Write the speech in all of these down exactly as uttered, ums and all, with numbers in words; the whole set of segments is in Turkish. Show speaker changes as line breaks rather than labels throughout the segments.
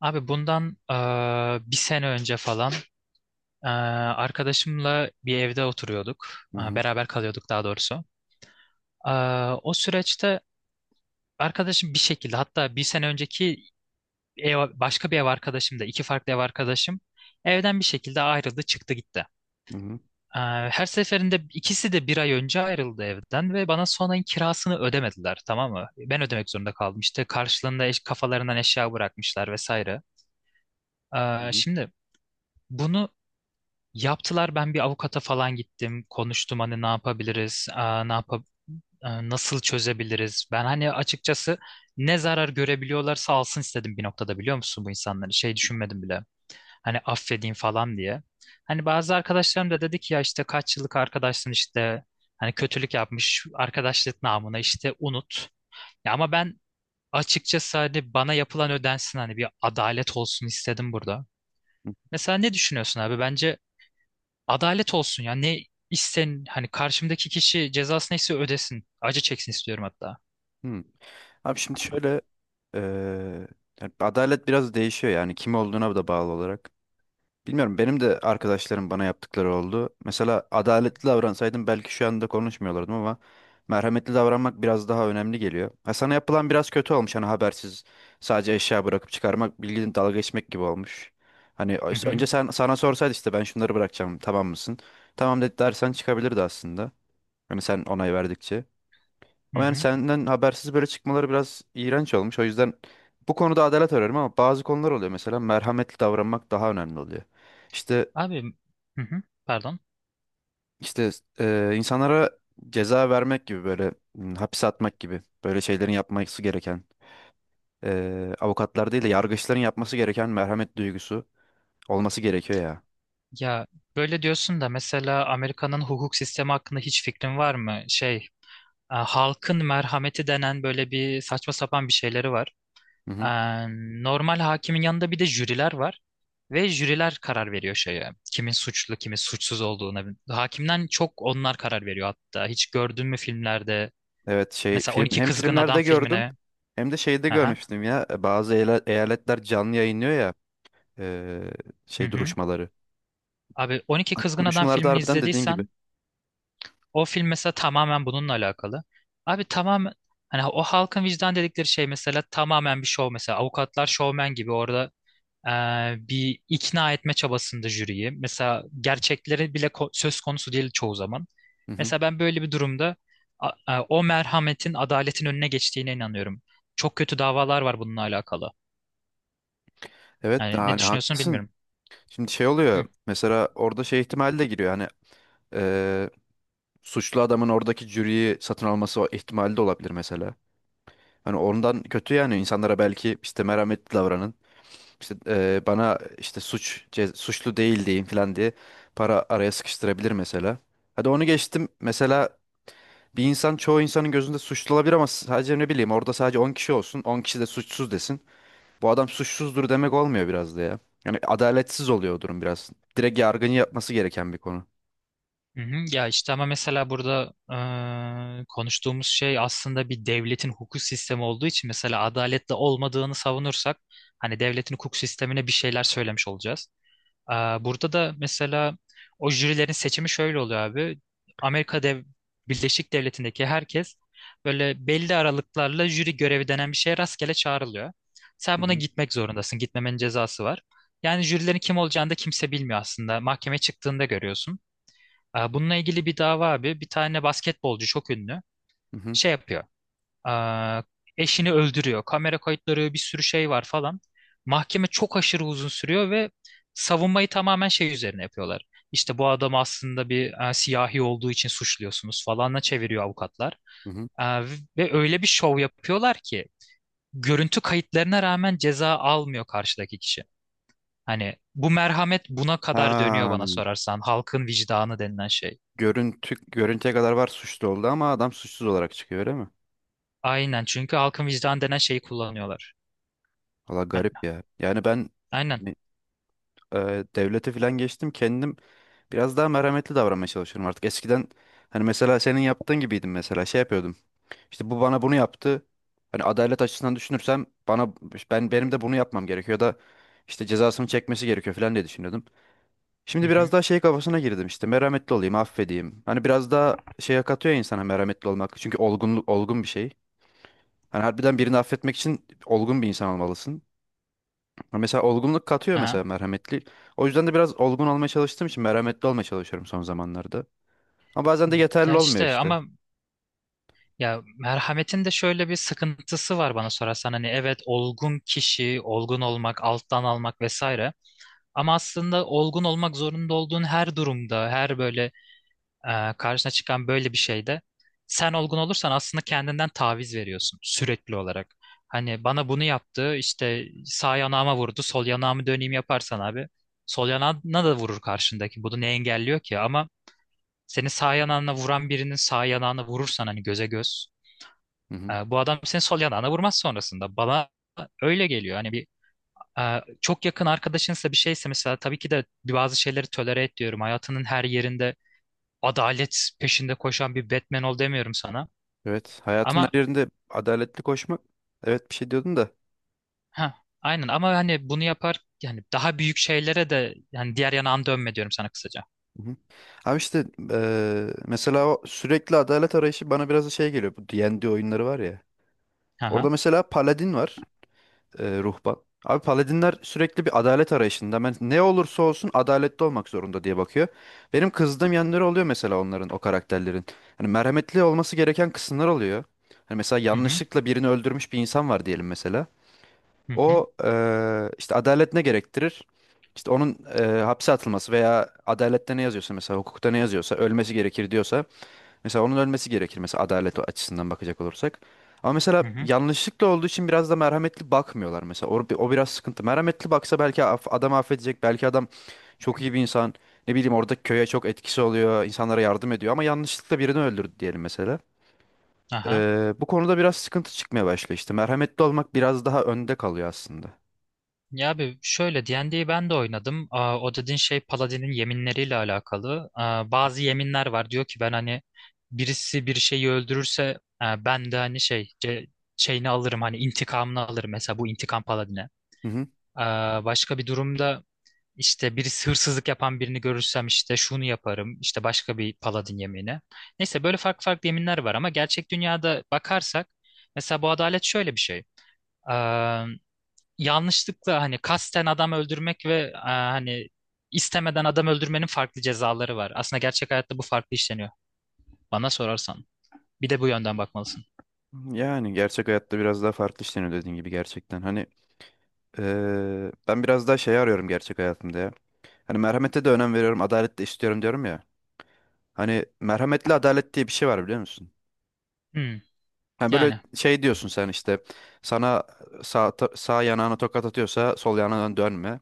Abi bundan eee, bir sene önce falan eee, arkadaşımla bir evde oturuyorduk.
Hı
Eee,
hı,
beraber kalıyorduk daha doğrusu. Eee, o süreçte arkadaşım bir şekilde, hatta bir sene önceki ev, başka bir ev arkadaşım da iki farklı ev arkadaşım evden bir şekilde ayrıldı, çıktı, gitti.
hı hı,
Eee, her seferinde ikisi de bir ay önce ayrıldı evden ve bana son ayın kirasını ödemediler, tamam mı? Ben ödemek zorunda kaldım işte, karşılığında eş, kafalarından eşya bırakmışlar vesaire.
hı
Eee,
hı,
şimdi... Bunu yaptılar. Ben bir avukata falan gittim, konuştum, hani ne yapabiliriz, aa, ne yap nasıl çözebiliriz, ben hani açıkçası ne zarar görebiliyorlarsa alsın istedim bir noktada, biliyor musun, bu insanları şey düşünmedim bile, hani affedeyim falan diye. Hani bazı arkadaşlarım da dedi ki ya işte, kaç yıllık arkadaşsın işte, hani kötülük yapmış, arkadaşlık namına işte unut. Ya ama ben açıkçası hani bana yapılan ödensin, hani bir adalet olsun istedim burada.
hı
Mesela ne düşünüyorsun abi? Bence adalet olsun ya. Ne isten Hani karşımdaki kişi cezası neyse ödesin. Acı çeksin istiyorum hatta.
hı. Abi şimdi şöyle eee, yani adalet biraz değişiyor, yani kim olduğuna da bağlı olarak. Bilmiyorum, benim de arkadaşlarım bana yaptıkları oldu. Mesela adaletli davransaydım belki şu anda konuşmuyorlardım ama merhametli davranmak biraz daha önemli geliyor. Ha, sana yapılan biraz kötü olmuş, hani habersiz sadece eşya bırakıp çıkarmak bildiğin dalga geçmek gibi olmuş. Hani ö-
Hı hı,
önce sen sana sorsaydı, işte ben şunları bırakacağım, tamam mısın? Tamam dedi dersen çıkabilirdi aslında. Hani sen onay verdikçe.
hı
Ama yani
hı.
senden habersiz böyle çıkmaları biraz iğrenç olmuş. O yüzden bu konuda adalet arıyorum ama bazı konular oluyor. Mesela merhametli davranmak daha önemli oluyor. İşte
Abi, hı hı, pardon.
işte e, insanlara ceza vermek gibi, böyle m, hapse atmak gibi böyle şeylerin yapması gereken, e, avukatlar değil de yargıçların yapması gereken merhamet duygusu olması gerekiyor ya.
Ya böyle diyorsun da, mesela Amerika'nın hukuk sistemi hakkında hiç fikrin var mı? Şey, e, halkın merhameti denen böyle bir saçma sapan bir şeyleri var.
Hı
Ee,
hı.
Normal hakimin yanında bir de jüriler var. Ve jüriler karar veriyor şeye: kimin suçlu, kimin suçsuz olduğuna. Hakimden çok onlar karar veriyor hatta. Hiç gördün mü filmlerde?
Evet, şey
Mesela
film
on iki
hem
Kızgın Adam
filmlerde gördüm,
filmine.
hem de şeyde
Aha.
görmüştüm ya, e, bazı eyla- eyaletler canlı yayınlıyor ya, e,
Hı
şey
hı.
duruşmaları.
Abi, on iki Kızgın Adam
Duruşmalarda
filmini
harbiden dediğin gibi.
izlediysen, o film mesela tamamen bununla alakalı. Abi tamamen, hani o halkın vicdan dedikleri şey mesela tamamen bir şov, mesela avukatlar şovmen gibi orada e, bir ikna etme çabasında jüriyi. Mesela gerçekleri bile ko- söz konusu değil çoğu zaman.
Hı hı.
Mesela ben böyle bir durumda a- e, o merhametin adaletin önüne geçtiğine inanıyorum. Çok kötü davalar var bununla alakalı.
Evet,
Yani ne
yani
düşünüyorsun
haklısın.
bilmiyorum.
Şimdi şey oluyor,
Hı,
mesela orada şey ihtimali de giriyor, hani eee, suçlu adamın oradaki jüriyi satın alması, o ihtimali de olabilir mesela. Hani ondan kötü yani, insanlara belki işte merhametli davranın işte, eee, bana işte suç ce- suçlu değil diyeyim falan diye para araya sıkıştırabilir mesela. Hadi onu geçtim, mesela bir insan çoğu insanın gözünde suçlu olabilir ama sadece ne bileyim, orada sadece on kişi olsun, on kişi de suçsuz desin. Bu adam suçsuzdur demek olmuyor biraz da ya. Yani adaletsiz oluyor o durum biraz. Direkt yargının yapması gereken bir konu.
hı hı. Ya işte ama mesela burada e, konuştuğumuz şey aslında bir devletin hukuk sistemi olduğu için, mesela adaletle olmadığını savunursak hani devletin hukuk sistemine bir şeyler söylemiş olacağız. Aa, Burada da mesela o jürilerin seçimi şöyle oluyor abi. Amerika Dev Birleşik Devleti'ndeki herkes böyle belli aralıklarla jüri görevi denen bir şeye rastgele çağrılıyor. Sen
Hı
buna
hı.
gitmek zorundasın. Gitmemenin cezası var. Yani jürilerin kim olacağını da kimse bilmiyor aslında. Mahkemeye çıktığında görüyorsun. Aa, Bununla ilgili bir dava abi. Bir tane basketbolcu, çok ünlü,
Hı hı.
şey yapıyor. Aa, Eşini öldürüyor. Kamera kayıtları, bir sürü şey var falan. Mahkeme çok aşırı uzun sürüyor ve savunmayı tamamen şey üzerine yapıyorlar: İşte bu adam aslında bir e, siyahi olduğu için suçluyorsunuz falanla çeviriyor avukatlar.
Hı hı.
Aa, Ve öyle bir şov yapıyorlar ki görüntü kayıtlarına rağmen ceza almıyor karşıdaki kişi. Hani bu merhamet buna kadar dönüyor
Ha,
bana sorarsan. Halkın vicdanı denilen şey.
görüntü, görüntüye kadar var, suçlu oldu ama adam suçsuz olarak çıkıyor, öyle mi?
Aynen, çünkü halkın vicdanı denen şeyi kullanıyorlar.
Valla garip
A-
ya. Yani ben
Aynen.
e, devlete falan geçtim, kendim biraz daha merhametli davranmaya çalışıyorum artık. Eskiden hani mesela senin yaptığın gibiydim, mesela şey yapıyordum. İşte bu bana bunu yaptı. Hani adalet açısından düşünürsem bana ben benim de bunu yapmam gerekiyor da, işte cezasını çekmesi gerekiyor falan diye düşünüyordum.
Hı
Şimdi biraz
hı.
daha şey kafasına girdim, işte merhametli olayım, affedeyim. Hani biraz daha şeye katıyor ya insana merhametli olmak. Çünkü olgunluk olgun bir şey. Hani harbiden birini affetmek için olgun bir insan olmalısın. Ama mesela olgunluk katıyor
Aha.
mesela merhametli. O yüzden de biraz olgun olmaya çalıştığım için merhametli olmaya çalışıyorum son zamanlarda. Ama bazen de yeterli
Ya
olmuyor
işte
işte.
ama, ya merhametin de şöyle bir sıkıntısı var bana sorarsan. Hani evet, olgun kişi, olgun olmak, alttan almak vesaire. Ama aslında olgun olmak zorunda olduğun her durumda, her böyle e, karşına çıkan böyle bir şeyde sen olgun olursan aslında kendinden taviz veriyorsun sürekli olarak. Hani bana bunu yaptı, işte sağ yanağıma vurdu, sol yanağımı döneyim yaparsan abi, sol yanağına da vurur karşındaki. Bunu ne engelliyor ki? Ama senin sağ yanağına vuran birinin sağ yanağına vurursan, hani göze göz,
Hı hı.
e, bu adam senin sol yanağına vurmaz sonrasında. Bana öyle geliyor. Hani bir e, çok yakın arkadaşınsa, bir şeyse, mesela tabii ki de bazı şeyleri tolere et diyorum. Hayatının her yerinde adalet peşinde koşan bir Batman ol demiyorum sana.
Evet, hayatın her
Ama
yerinde adaletli koşmak. Evet, bir şey diyordun da.
ha aynen, ama hani bunu yapar yani daha büyük şeylere de, yani diğer yanağını dönme diyorum sana kısaca.
Hı hı. Abi işte eee, mesela o sürekli adalet arayışı bana biraz da şey geliyor. Bu D and D oyunları var ya. Orada
Aha.
mesela paladin var, eee, ruhban. Abi paladinler sürekli bir adalet arayışında. Ben ne olursa olsun adaletli olmak zorunda diye bakıyor. Benim kızdığım yanları oluyor mesela onların, o karakterlerin. Hani merhametli olması gereken kısımlar oluyor. Hani mesela
Hı hı.
yanlışlıkla birini öldürmüş bir insan var diyelim mesela.
Hı hı.
O eee, işte adalet ne gerektirir? İşte onun eee, hapse atılması veya adalette ne yazıyorsa, mesela hukukta ne yazıyorsa ölmesi gerekir diyorsa, mesela onun ölmesi gerekir mesela, adalet açısından bakacak olursak. Ama mesela
Hı hı. Hı
yanlışlıkla olduğu için biraz da merhametli bakmıyorlar mesela. O, o biraz sıkıntı. Merhametli baksa belki af, adam affedecek. Belki adam çok
hı.
iyi bir insan. Ne bileyim, orada köye çok etkisi oluyor. İnsanlara yardım ediyor ama yanlışlıkla birini öldürdü diyelim mesela.
Aha.
Eee, bu konuda biraz sıkıntı çıkmaya başlıyor işte. Merhametli olmak biraz daha önde kalıyor aslında.
Ya abi, şöyle, di en di'yi ben de oynadım. Aa, o dediğin şey Paladin'in yeminleriyle alakalı. Aa, bazı yeminler var. Diyor ki ben hani birisi bir şeyi öldürürse e, ben de hani şey ce- şeyini alırım, hani intikamını alırım. Mesela bu intikam Paladin'e. Aa, başka bir durumda işte birisi hırsızlık yapan birini görürsem işte şunu yaparım. İşte başka bir Paladin yemini. Neyse, böyle farklı farklı yeminler var ama gerçek dünyada bakarsak mesela bu adalet şöyle bir şey: yanlışlıkla, hani kasten adam öldürmek ve e, hani istemeden adam öldürmenin farklı cezaları var. Aslında gerçek hayatta bu farklı işleniyor, bana sorarsan. Bir de bu yönden bakmalısın.
Yani gerçek hayatta biraz daha farklı işleniyor dediğin gibi, gerçekten. Hani eee, ben biraz daha şey arıyorum gerçek hayatımda ya. Hani merhamete de önem veriyorum, adalet de istiyorum diyorum ya. Hani merhametli adalet diye bir şey var, biliyor musun?
Hmm,
Hani böyle
yani.
şey diyorsun sen, işte sana sağ, ta- sağ yanağına tokat atıyorsa sol yanağına dönme.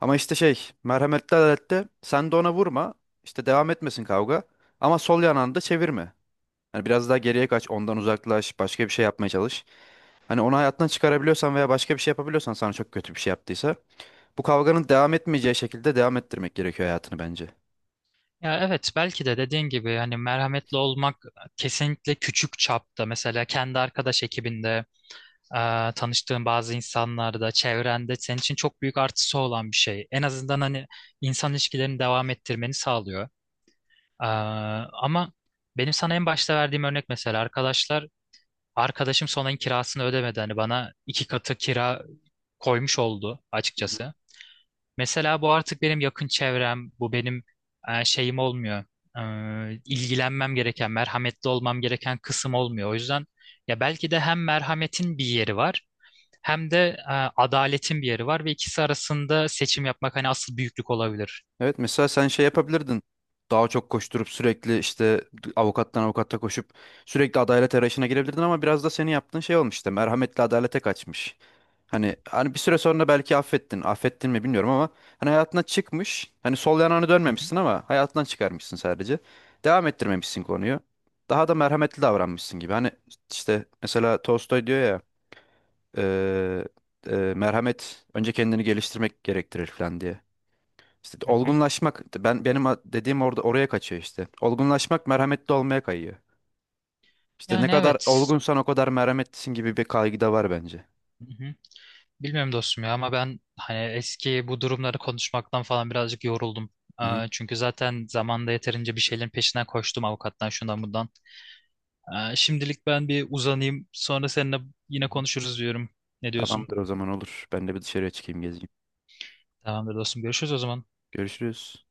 Ama işte şey, merhametli adalette sen de ona vurma, işte devam etmesin kavga ama sol yanağını da çevirme. Hani biraz daha geriye kaç, ondan uzaklaş, başka bir şey yapmaya çalış. Hani onu hayattan çıkarabiliyorsan veya başka bir şey yapabiliyorsan, sana çok kötü bir şey yaptıysa, bu kavganın devam etmeyeceği şekilde devam ettirmek gerekiyor hayatını bence.
Ya evet, belki de dediğin gibi hani merhametli olmak kesinlikle küçük çapta, mesela kendi arkadaş ekibinde, e, tanıştığın bazı insanlarda, çevrende, senin için çok büyük artısı olan bir şey. En azından hani insan ilişkilerini devam ettirmeni sağlıyor. E, Ama benim sana en başta verdiğim örnek, mesela arkadaşlar arkadaşım son ayın kirasını ödemedi, hani bana iki katı kira koymuş oldu
Hı hı.
açıkçası. Mesela bu artık benim yakın çevrem, bu benim e, şeyim olmuyor. Ee, ilgilenmem gereken, merhametli olmam gereken kısım olmuyor. O yüzden ya belki de hem merhametin bir yeri var, hem de e, adaletin bir yeri var ve ikisi arasında seçim yapmak hani asıl büyüklük olabilir.
Evet, mesela sen şey yapabilirdin. Daha çok koşturup sürekli işte avukattan avukata koşup sürekli adalet arayışına girebilirdin ama biraz da senin yaptığın şey olmuş, işte merhametli adalete kaçmış. Hani hani bir süre sonra belki affettin. Affettin mi bilmiyorum ama hani hayatına çıkmış. Hani sol yanağını
Hı hı,
dönmemişsin ama hayatından çıkarmışsın sadece. Devam ettirmemişsin konuyu. Daha da merhametli davranmışsın gibi. Hani işte mesela Tolstoy diyor ya eee, eee, merhamet önce kendini geliştirmek gerektirir falan diye. İşte
hı hı.
olgunlaşmak, ben benim a- dediğim orada oraya kaçıyor işte. Olgunlaşmak merhametli olmaya kayıyor. İşte ne
Yani
kadar
evet.
olgunsan o kadar merhametlisin gibi bir kaygı da var bence.
Bilmiyorum dostum ya, ama ben hani eski bu durumları konuşmaktan falan birazcık yoruldum. Ee,
Hı hı.
Çünkü zaten zamanda yeterince bir şeylerin peşinden koştum, avukattan şundan bundan. Ee, Şimdilik ben bir uzanayım, sonra seninle yine konuşuruz diyorum. Ne diyorsun?
Tamamdır, o zaman olur. Ben de bir dışarıya çıkayım, gezeyim.
Tamamdır dostum, görüşürüz o zaman.
Görüşürüz.